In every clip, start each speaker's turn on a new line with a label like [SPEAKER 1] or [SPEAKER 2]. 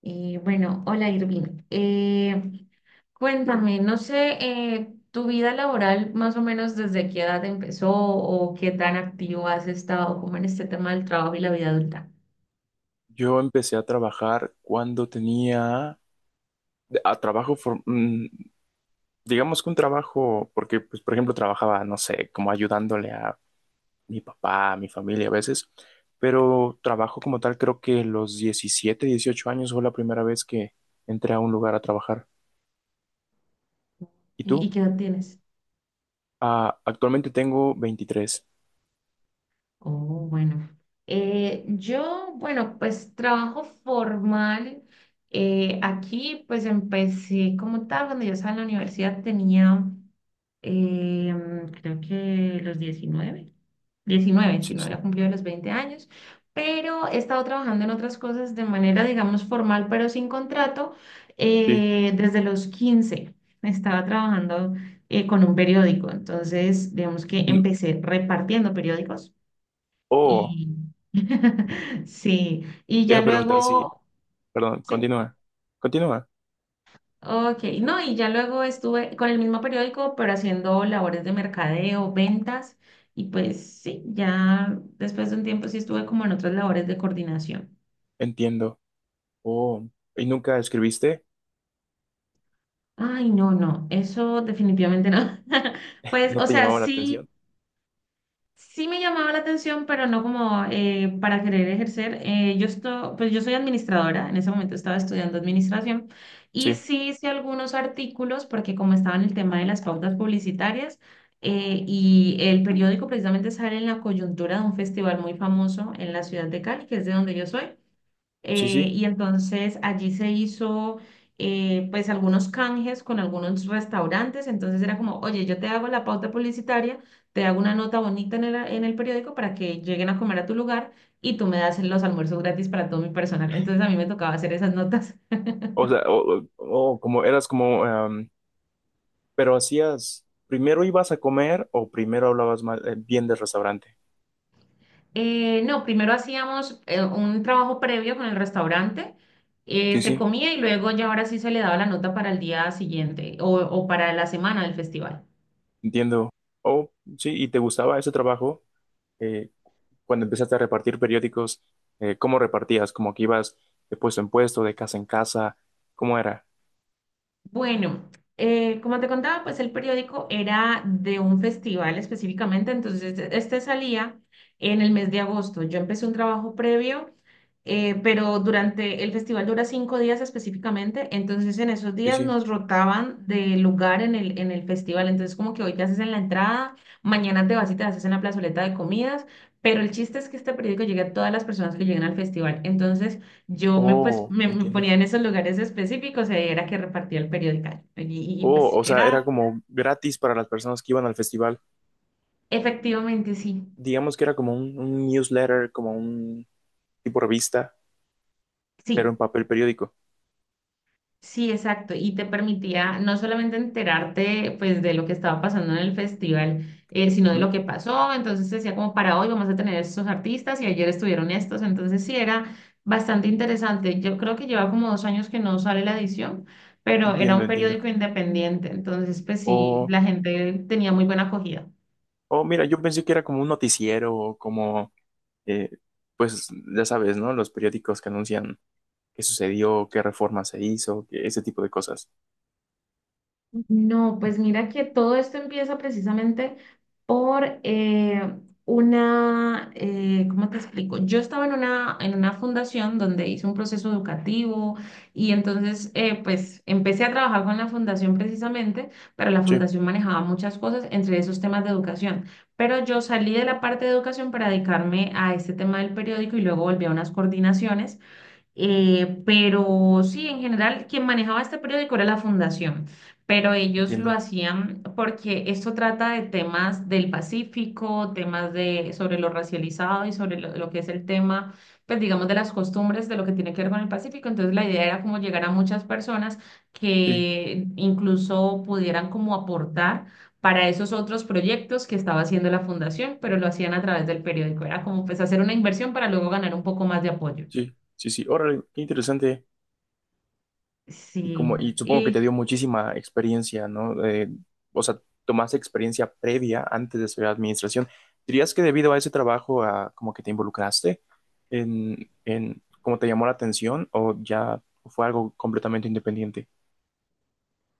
[SPEAKER 1] Y bueno, hola Irving. Cuéntame, no sé, tu vida laboral más o menos desde qué edad empezó o qué tan activo has estado como en este tema del trabajo y la vida adulta.
[SPEAKER 2] Yo empecé a trabajar cuando tenía a trabajo, for- mm, digamos que un trabajo, porque pues por ejemplo trabajaba, no sé, como ayudándole a mi papá, a mi familia a veces, pero trabajo como tal creo que los 17, 18 años fue la primera vez que entré a un lugar a trabajar. ¿Y
[SPEAKER 1] ¿Y
[SPEAKER 2] tú?
[SPEAKER 1] qué edad tienes?
[SPEAKER 2] Ah, actualmente tengo 23.
[SPEAKER 1] Oh, bueno. Yo, bueno, pues trabajo formal. Aquí pues empecé como tal, cuando yo estaba en la universidad tenía... creo que los diecinueve si
[SPEAKER 2] Sí,
[SPEAKER 1] no
[SPEAKER 2] sí,
[SPEAKER 1] había cumplido los 20 años, pero he estado trabajando en otras cosas de manera, digamos, formal, pero sin contrato,
[SPEAKER 2] sí.
[SPEAKER 1] desde los 15. Estaba trabajando con un periódico, entonces, digamos que
[SPEAKER 2] En-
[SPEAKER 1] empecé repartiendo periódicos
[SPEAKER 2] Oh,
[SPEAKER 1] y sí, y
[SPEAKER 2] te
[SPEAKER 1] ya
[SPEAKER 2] iba a preguntar si,
[SPEAKER 1] luego,
[SPEAKER 2] perdón,
[SPEAKER 1] ¿sí?
[SPEAKER 2] continúa, continúa.
[SPEAKER 1] Ok, no, y ya luego estuve con el mismo periódico, pero haciendo labores de mercadeo, ventas, y pues sí, ya después de un tiempo sí estuve como en otras labores de coordinación.
[SPEAKER 2] Entiendo. Oh, ¿y nunca escribiste?
[SPEAKER 1] Ay, no, no, eso definitivamente no. Pues,
[SPEAKER 2] ¿No
[SPEAKER 1] o
[SPEAKER 2] te
[SPEAKER 1] sea,
[SPEAKER 2] llamaba la
[SPEAKER 1] sí.
[SPEAKER 2] atención?
[SPEAKER 1] Sí me llamaba la atención, pero no como para querer ejercer. Yo esto, pues yo soy administradora, en ese momento estaba estudiando administración y
[SPEAKER 2] Sí,
[SPEAKER 1] sí hice algunos artículos porque como estaba en el tema de las pautas publicitarias, y el periódico precisamente sale en la coyuntura de un festival muy famoso en la ciudad de Cali, que es de donde yo soy.
[SPEAKER 2] sí, sí.
[SPEAKER 1] Y entonces allí se hizo, pues algunos canjes con algunos restaurantes. Entonces era como, oye, yo te hago la pauta publicitaria, te hago una nota bonita en el periódico para que lleguen a comer a tu lugar y tú me das los almuerzos gratis para todo mi personal. Entonces a mí me tocaba hacer esas notas.
[SPEAKER 2] O sea, o como eras como, pero hacías, primero ibas a comer o primero hablabas mal, bien del restaurante.
[SPEAKER 1] No, primero hacíamos un trabajo previo con el restaurante.
[SPEAKER 2] Sí,
[SPEAKER 1] Se
[SPEAKER 2] sí,
[SPEAKER 1] comía y luego ya ahora sí se le daba la nota para el día siguiente o para la semana del festival.
[SPEAKER 2] entiendo. Oh, sí, ¿y te gustaba ese trabajo? Eh, Cuando empezaste a repartir periódicos, ¿cómo repartías? ¿Como que ibas de puesto en puesto, de casa en casa? ¿Cómo era?
[SPEAKER 1] Bueno, como te contaba, pues el periódico era de un festival específicamente, entonces este salía en el mes de agosto. Yo empecé un trabajo previo, pero durante el festival dura 5 días específicamente, entonces en esos
[SPEAKER 2] Sí,
[SPEAKER 1] días
[SPEAKER 2] sí.
[SPEAKER 1] nos rotaban de lugar en el festival, entonces como que hoy te haces en la entrada, mañana te vas y te haces en la plazoleta de comidas, pero el chiste es que este periódico llegue a todas las personas que lleguen al festival, entonces... Yo me, pues,
[SPEAKER 2] Oh,
[SPEAKER 1] me
[SPEAKER 2] entiendo.
[SPEAKER 1] ponía en esos lugares específicos y ahí era que repartía el periódico.
[SPEAKER 2] Oh,
[SPEAKER 1] Pues
[SPEAKER 2] o sea, era
[SPEAKER 1] era,
[SPEAKER 2] como gratis para las personas que iban al festival.
[SPEAKER 1] efectivamente, sí,
[SPEAKER 2] Digamos que era como un newsletter, como un tipo revista pero en
[SPEAKER 1] sí,
[SPEAKER 2] papel periódico.
[SPEAKER 1] sí, exacto. Y te permitía no solamente enterarte pues de lo que estaba pasando en el festival, sino de lo
[SPEAKER 2] Ujú.
[SPEAKER 1] que pasó. Entonces decía como para hoy vamos a tener estos artistas y ayer estuvieron estos. Entonces sí, era bastante interesante. Yo creo que lleva como 2 años que no sale la edición. Pero era
[SPEAKER 2] Entiendo,
[SPEAKER 1] un
[SPEAKER 2] entiendo.
[SPEAKER 1] periódico independiente, entonces pues sí,
[SPEAKER 2] O,
[SPEAKER 1] la gente tenía muy buena acogida.
[SPEAKER 2] o Mira, yo pensé que era como un noticiero o como, eh, pues ya sabes, ¿no? Los periódicos que anuncian qué sucedió, qué reforma se hizo, que ese tipo de cosas.
[SPEAKER 1] No, pues mira que todo esto empieza precisamente por una, ¿cómo te explico? Yo estaba en una fundación donde hice un proceso educativo y entonces, pues empecé a trabajar con la fundación precisamente, pero la
[SPEAKER 2] Sí,
[SPEAKER 1] fundación manejaba muchas cosas, entre esos temas de educación. Pero yo salí de la parte de educación para dedicarme a este tema del periódico y luego volví a unas coordinaciones. Pero sí, en general, quien manejaba este periódico era la fundación, pero ellos lo
[SPEAKER 2] entiendo.
[SPEAKER 1] hacían porque esto trata de temas del Pacífico, temas de, sobre lo racializado y sobre lo que es el tema, pues digamos, de las costumbres de lo que tiene que ver con el Pacífico. Entonces, la idea era como llegar a muchas personas
[SPEAKER 2] Sí,
[SPEAKER 1] que incluso pudieran como aportar para esos otros proyectos que estaba haciendo la fundación, pero lo hacían a través del periódico. Era como pues hacer una inversión para luego ganar un poco más de apoyo.
[SPEAKER 2] sí, sí, sí. Órale, qué interesante. Y como,
[SPEAKER 1] Sí,
[SPEAKER 2] y supongo que
[SPEAKER 1] y
[SPEAKER 2] te dio muchísima experiencia, ¿no? O sea, tomaste experiencia previa antes de estudiar administración. ¿Dirías que debido a ese trabajo, como que te involucraste en cómo te llamó la atención o ya fue algo completamente independiente?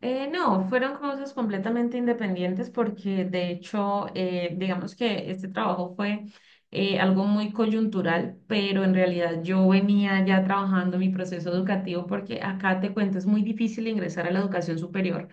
[SPEAKER 1] no, fueron cosas completamente independientes porque de hecho, digamos que este trabajo fue algo muy coyuntural, pero en realidad yo venía ya trabajando mi proceso educativo porque acá te cuento, es muy difícil ingresar a la educación superior.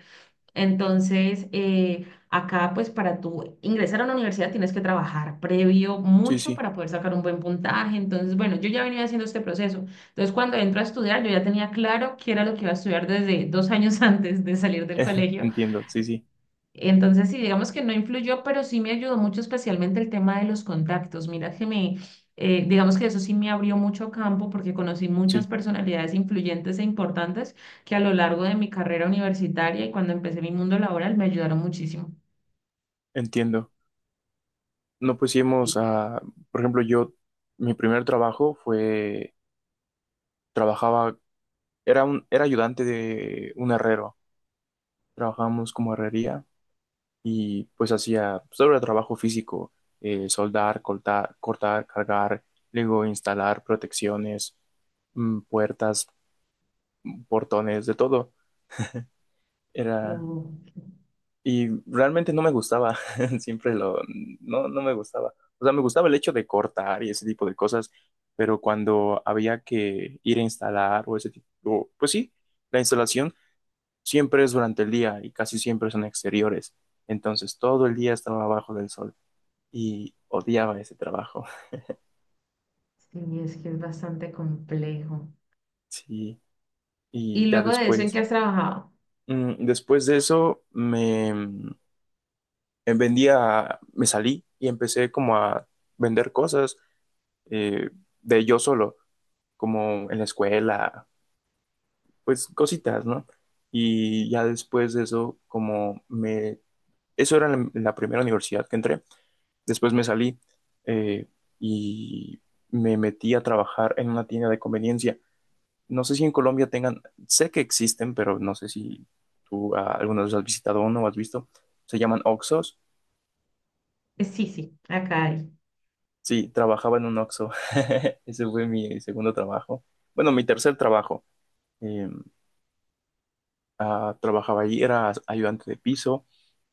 [SPEAKER 1] Entonces, acá pues para tú ingresar a una universidad tienes que trabajar previo
[SPEAKER 2] Sí,
[SPEAKER 1] mucho
[SPEAKER 2] sí,
[SPEAKER 1] para poder sacar un buen puntaje. Entonces, bueno, yo ya venía haciendo este proceso. Entonces, cuando entro a estudiar, yo ya tenía claro qué era lo que iba a estudiar desde 2 años antes de salir del colegio.
[SPEAKER 2] entiendo, sí, sí,
[SPEAKER 1] Entonces, sí, digamos que no influyó, pero sí me ayudó mucho, especialmente el tema de los contactos. Mira que me, digamos que eso sí me abrió mucho campo porque conocí muchas
[SPEAKER 2] sí,
[SPEAKER 1] personalidades influyentes e importantes que a lo largo de mi carrera universitaria y cuando empecé mi mundo laboral me ayudaron muchísimo.
[SPEAKER 2] entiendo. No,
[SPEAKER 1] Y-
[SPEAKER 2] pusimos a por ejemplo, yo, mi primer trabajo fue, trabajaba, era un, era ayudante de un herrero. Trabajábamos como herrería y pues hacía sobre trabajo físico, soldar, cortar, cortar, cargar, luego instalar protecciones, puertas, portones, de todo. Era,
[SPEAKER 1] Oh,
[SPEAKER 2] y realmente no me gustaba, siempre lo, no, no me gustaba. O sea, me gustaba el hecho de cortar y ese tipo de cosas, pero cuando había que ir a instalar o ese tipo, pues sí, la instalación siempre es durante el día y casi siempre son exteriores. Entonces todo el día estaba abajo del sol y odiaba ese trabajo.
[SPEAKER 1] sí, es que es bastante complejo.
[SPEAKER 2] Sí,
[SPEAKER 1] ¿Y
[SPEAKER 2] y ya
[SPEAKER 1] luego de eso en
[SPEAKER 2] después,
[SPEAKER 1] qué has trabajado?
[SPEAKER 2] después de eso me vendía, me salí y empecé como a vender cosas, eh, de yo solo, como en la escuela, pues cositas, ¿no? Y ya después de eso, eso era en la primera universidad que entré, después me salí eh, y me metí a trabajar en una tienda de conveniencia. No sé si en Colombia tengan, sé que existen, pero no sé si tú alguna vez has visitado uno o has visto. Se llaman oxxos.
[SPEAKER 1] Sí, sí, acá hay.
[SPEAKER 2] Sí, trabajaba en un oxxo. Ese fue mi segundo trabajo. Bueno, mi tercer trabajo. Eh, Trabajaba ahí, era ayudante de piso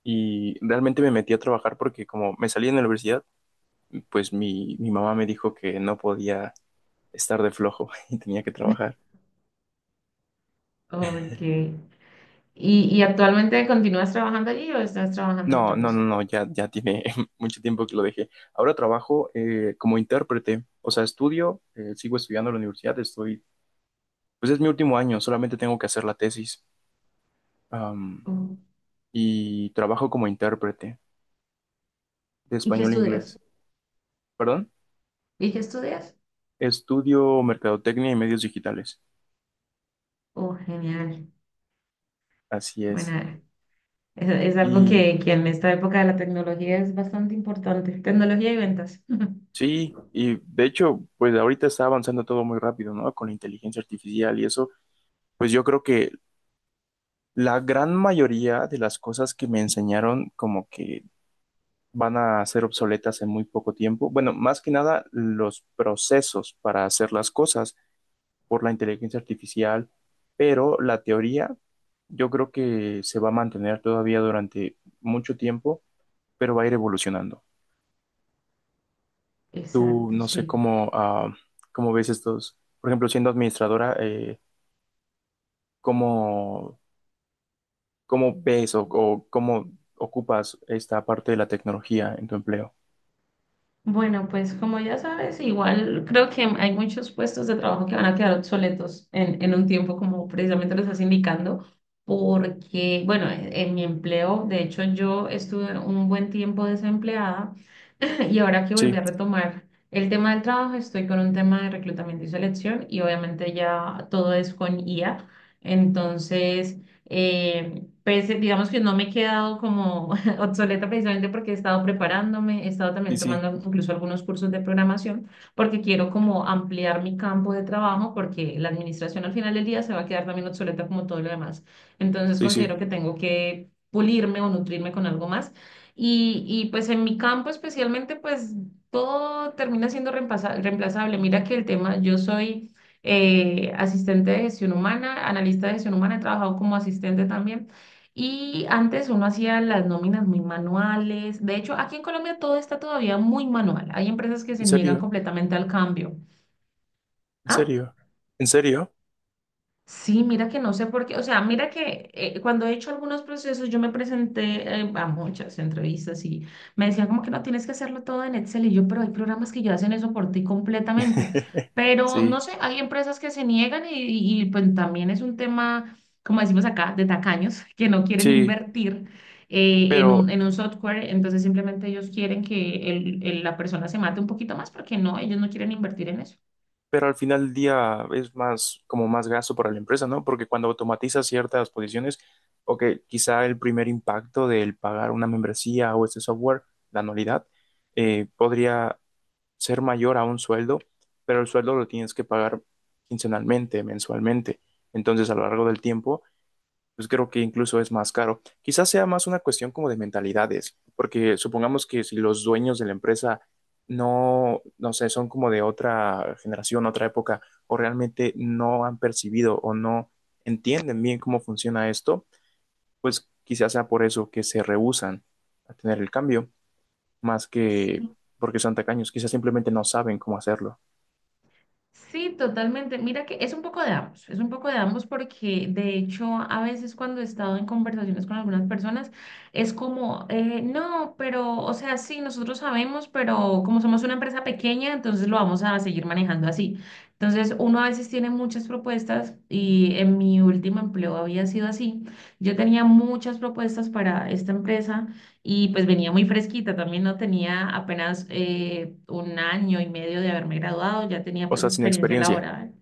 [SPEAKER 2] y realmente me metí a trabajar porque como me salí en la universidad, pues mi mamá me dijo que no podía estar de flojo y tenía que trabajar.
[SPEAKER 1] Ok. ¿Y actualmente continúas trabajando allí o estás trabajando en
[SPEAKER 2] No,
[SPEAKER 1] otra
[SPEAKER 2] no,
[SPEAKER 1] cosa?
[SPEAKER 2] no, no, ya, ya tiene mucho tiempo que lo dejé. Ahora trabajo como intérprete, o sea, estudio, sigo estudiando en la universidad, pues es mi último año, solamente tengo que hacer la tesis. Am,
[SPEAKER 1] Oh,
[SPEAKER 2] y trabajo como intérprete de
[SPEAKER 1] ¿y qué
[SPEAKER 2] español e inglés.
[SPEAKER 1] estudias?
[SPEAKER 2] ¿Perdón?
[SPEAKER 1] ¿Y qué estudias?
[SPEAKER 2] Estudio mercadotecnia y medios digitales.
[SPEAKER 1] Oh, genial.
[SPEAKER 2] Así es.
[SPEAKER 1] Bueno, es algo
[SPEAKER 2] Y
[SPEAKER 1] que en esta época de la tecnología es bastante importante. Tecnología y ventas.
[SPEAKER 2] sí, y de hecho, pues ahorita está avanzando todo muy rápido, ¿no? Con la inteligencia artificial y eso, pues yo creo que la gran mayoría de las cosas que me enseñaron como que van a ser obsoletas en muy poco tiempo. Bueno, más que nada los procesos para hacer las cosas por la inteligencia artificial, pero la teoría yo creo que se va a mantener todavía durante mucho tiempo, pero va a ir evolucionando. Tú
[SPEAKER 1] Exacto,
[SPEAKER 2] no sé
[SPEAKER 1] sí.
[SPEAKER 2] cómo ves estos, por ejemplo, siendo administradora, ¿cómo, cómo ves o cómo ocupas esta parte de la tecnología en tu empleo?
[SPEAKER 1] Bueno, pues como ya sabes, igual creo que hay muchos puestos de trabajo que van a quedar obsoletos en un tiempo, como precisamente lo estás indicando, porque, bueno, en mi empleo, de hecho, yo estuve un buen tiempo desempleada. Y ahora que
[SPEAKER 2] Sí,
[SPEAKER 1] volví a retomar el tema del trabajo, estoy con un tema de reclutamiento y selección y obviamente ya todo es con IA. Entonces, pues, digamos que no me he quedado como obsoleta precisamente porque he estado preparándome, he estado
[SPEAKER 2] sí,
[SPEAKER 1] también
[SPEAKER 2] sí,
[SPEAKER 1] tomando incluso algunos cursos de programación porque quiero como ampliar mi campo de trabajo porque la administración al final del día se va a quedar también obsoleta como todo lo demás. Entonces,
[SPEAKER 2] sí,
[SPEAKER 1] considero
[SPEAKER 2] sí.
[SPEAKER 1] que tengo que pulirme o nutrirme con algo más. Y pues en mi campo especialmente, pues todo termina siendo reemplazable. Mira que el tema, yo soy asistente de gestión humana, analista de gestión humana, he trabajado como asistente también. Y antes uno hacía las nóminas muy manuales. De hecho, aquí en Colombia todo está todavía muy manual. Hay empresas que
[SPEAKER 2] ¿En
[SPEAKER 1] se niegan
[SPEAKER 2] serio?
[SPEAKER 1] completamente al cambio.
[SPEAKER 2] ¿En
[SPEAKER 1] ¿Ah?
[SPEAKER 2] serio? ¿En serio?
[SPEAKER 1] Sí, mira que no sé por qué, o sea, mira que, cuando he hecho algunos procesos, yo me presenté a muchas entrevistas y me decían como que no tienes que hacerlo todo en Excel y yo, pero hay programas que ya hacen eso por ti completamente. Pero
[SPEAKER 2] Sí,
[SPEAKER 1] no sé, hay empresas que se niegan y pues también es un tema, como decimos acá, de tacaños, que no quieren
[SPEAKER 2] sí,
[SPEAKER 1] invertir en
[SPEAKER 2] pero,
[SPEAKER 1] un, en un software, entonces simplemente ellos quieren que la persona se mate un poquito más porque no, ellos no quieren invertir en eso.
[SPEAKER 2] al final del día es más, como más gasto para la empresa, ¿no? Porque cuando automatizas ciertas posiciones, ok, quizá el primer impacto del pagar una membresía o este software, la anualidad, podría ser mayor a un sueldo, pero el sueldo lo tienes que pagar quincenalmente, mensualmente. Entonces, a lo largo del tiempo, pues creo que incluso es más caro. Quizás sea más una cuestión como de mentalidades, porque supongamos que si los dueños de la empresa no, no sé, son como de otra generación, otra época, o realmente no han percibido o no entienden bien cómo funciona esto, pues quizás sea por eso que se rehúsan a tener el cambio, más que porque son tacaños, quizás simplemente no saben cómo hacerlo,
[SPEAKER 1] Sí, totalmente. Mira que es un poco de ambos, es un poco de ambos porque de hecho a veces cuando he estado en conversaciones con algunas personas es como, no, pero, o sea, sí, nosotros sabemos, pero como somos una empresa pequeña, entonces lo vamos a seguir manejando así. Entonces uno a veces tiene muchas propuestas y en mi último empleo había sido así. Yo tenía muchas propuestas para esta empresa y pues venía muy fresquita, también no tenía apenas un año y medio de haberme graduado, ya tenía
[SPEAKER 2] o
[SPEAKER 1] pues
[SPEAKER 2] sea, sin
[SPEAKER 1] experiencia
[SPEAKER 2] experiencia.
[SPEAKER 1] laboral.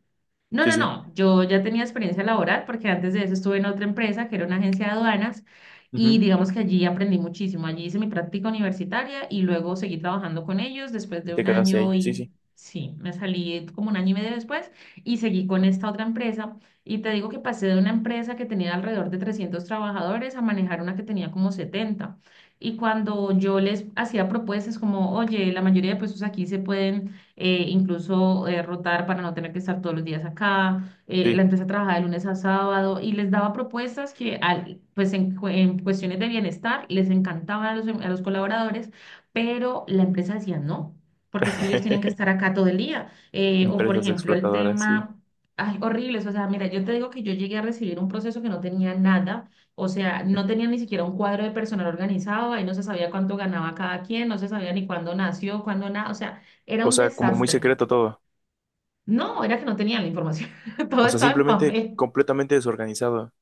[SPEAKER 1] No,
[SPEAKER 2] Sí,
[SPEAKER 1] no,
[SPEAKER 2] sí.
[SPEAKER 1] no. Yo ya tenía experiencia laboral porque antes de eso estuve en otra empresa que era una agencia de aduanas
[SPEAKER 2] Ujú.
[SPEAKER 1] y digamos que allí aprendí muchísimo. Allí hice mi práctica universitaria y luego seguí trabajando con ellos después
[SPEAKER 2] Y
[SPEAKER 1] de
[SPEAKER 2] te
[SPEAKER 1] un
[SPEAKER 2] quedaste ahí,
[SPEAKER 1] año
[SPEAKER 2] sí,
[SPEAKER 1] y
[SPEAKER 2] sí,
[SPEAKER 1] sí, me salí como un año y medio después y seguí con esta otra empresa. Y te digo que pasé de una empresa que tenía alrededor de 300 trabajadores a manejar una que tenía como 70. Y cuando yo les hacía propuestas como, oye, la mayoría de puestos aquí se pueden incluso rotar para no tener que estar todos los días acá.
[SPEAKER 2] sí.
[SPEAKER 1] La empresa trabajaba de lunes a sábado y les daba propuestas que, pues en, en cuestiones de bienestar, les encantaban a los, a los colaboradores, pero la empresa decía no, porque es que ellos tienen que estar acá todo el día. O, por
[SPEAKER 2] Empresas
[SPEAKER 1] ejemplo, el
[SPEAKER 2] explotadoras, sí.
[SPEAKER 1] tema... Ay, horribles, o sea, mira, yo te digo que yo llegué a recibir un proceso que no tenía nada, o sea, no tenía ni siquiera un cuadro de personal organizado, ahí no se sabía cuánto ganaba cada quien, no se sabía ni cuándo nació, cuándo nada, o sea, era
[SPEAKER 2] O
[SPEAKER 1] un
[SPEAKER 2] sea, como muy
[SPEAKER 1] desastre.
[SPEAKER 2] secreto todo.
[SPEAKER 1] No, era que no tenían la información. Todo
[SPEAKER 2] O sea,
[SPEAKER 1] estaba en
[SPEAKER 2] simplemente
[SPEAKER 1] papel.
[SPEAKER 2] completamente desorganizado.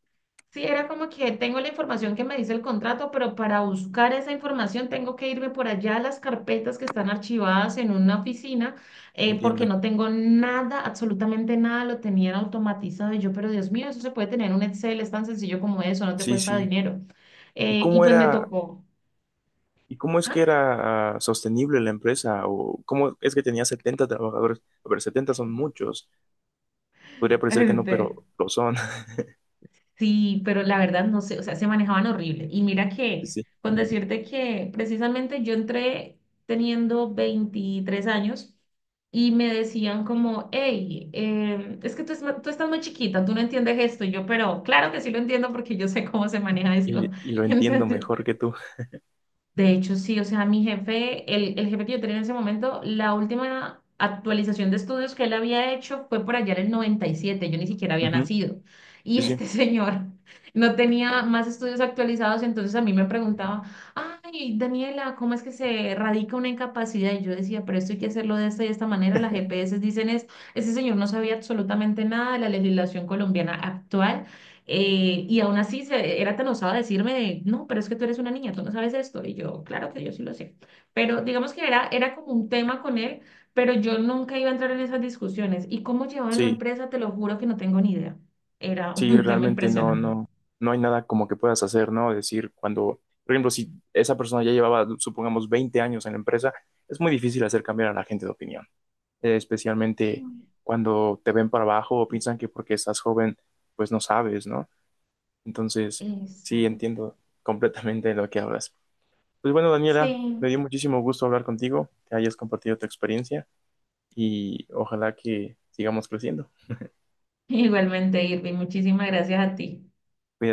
[SPEAKER 1] Sí, era como que tengo la información que me dice el contrato, pero para buscar esa información tengo que irme por allá a las carpetas que están archivadas en una oficina, porque
[SPEAKER 2] Entiendo.
[SPEAKER 1] no tengo nada, absolutamente nada, lo tenían automatizado. Y yo, pero Dios mío, eso se puede tener en un Excel, es tan sencillo como eso, no te
[SPEAKER 2] Sí,
[SPEAKER 1] cuesta
[SPEAKER 2] sí.
[SPEAKER 1] dinero.
[SPEAKER 2] ¿Y
[SPEAKER 1] Y
[SPEAKER 2] cómo
[SPEAKER 1] pues me
[SPEAKER 2] era,
[SPEAKER 1] tocó.
[SPEAKER 2] y cómo es que
[SPEAKER 1] ¿Ah?
[SPEAKER 2] era sostenible la empresa? ¿O cómo es que tenía 70 trabajadores? A ver, 70 son muchos. Podría parecer que no,
[SPEAKER 1] Este,
[SPEAKER 2] pero lo son.
[SPEAKER 1] sí, pero la verdad no sé, o sea, se manejaban horrible. Y mira
[SPEAKER 2] Sí,
[SPEAKER 1] que,
[SPEAKER 2] sí.
[SPEAKER 1] con decirte que precisamente yo entré teniendo 23 años y me decían como, hey, es que tú, tú estás muy chiquita, tú no entiendes esto. Y yo, pero claro que sí lo entiendo porque yo sé cómo se maneja
[SPEAKER 2] Y,
[SPEAKER 1] esto.
[SPEAKER 2] y lo entiendo
[SPEAKER 1] Entonces,
[SPEAKER 2] mejor que tú.
[SPEAKER 1] de hecho, sí, o sea, mi jefe, el jefe que yo tenía en ese momento, la última actualización de estudios que él había hecho fue por allá en el 97. Yo ni siquiera había
[SPEAKER 2] Ujú.
[SPEAKER 1] nacido. Y
[SPEAKER 2] Sí, sí.
[SPEAKER 1] este señor no tenía más estudios actualizados, entonces a mí me preguntaba, ay, Daniela, ¿cómo es que se radica una incapacidad? Y yo decía, pero esto hay que hacerlo de esta y de esta manera, las GPS dicen es, ese señor no sabía absolutamente nada de la legislación colombiana actual, y aún así se, era tan osado decirme de, no, pero es que tú eres una niña, tú no sabes esto. Y yo, claro que yo sí lo sé. Pero digamos que era, era como un tema con él, pero yo nunca iba a entrar en esas discusiones. Y cómo llevaban la
[SPEAKER 2] Sí,
[SPEAKER 1] empresa, te lo juro que no tengo ni idea. Era
[SPEAKER 2] sí,
[SPEAKER 1] un tema
[SPEAKER 2] realmente no,
[SPEAKER 1] impresionante.
[SPEAKER 2] no, no hay nada como que puedas hacer, ¿no? Decir, cuando, por ejemplo, si esa persona ya llevaba, supongamos, 20 años en la empresa, es muy difícil hacer cambiar a la gente de opinión. Especialmente
[SPEAKER 1] Mm.
[SPEAKER 2] cuando te ven para abajo o piensan que porque estás joven, pues no sabes, ¿no? Entonces, sí,
[SPEAKER 1] Exacto.
[SPEAKER 2] entiendo completamente de lo que hablas. Pues bueno, Daniela,
[SPEAKER 1] Sí.
[SPEAKER 2] me dio muchísimo gusto hablar contigo, que hayas compartido tu experiencia y ojalá que sigamos creciendo.
[SPEAKER 1] Igualmente, Irving, muchísimas gracias a ti.
[SPEAKER 2] Cuídate.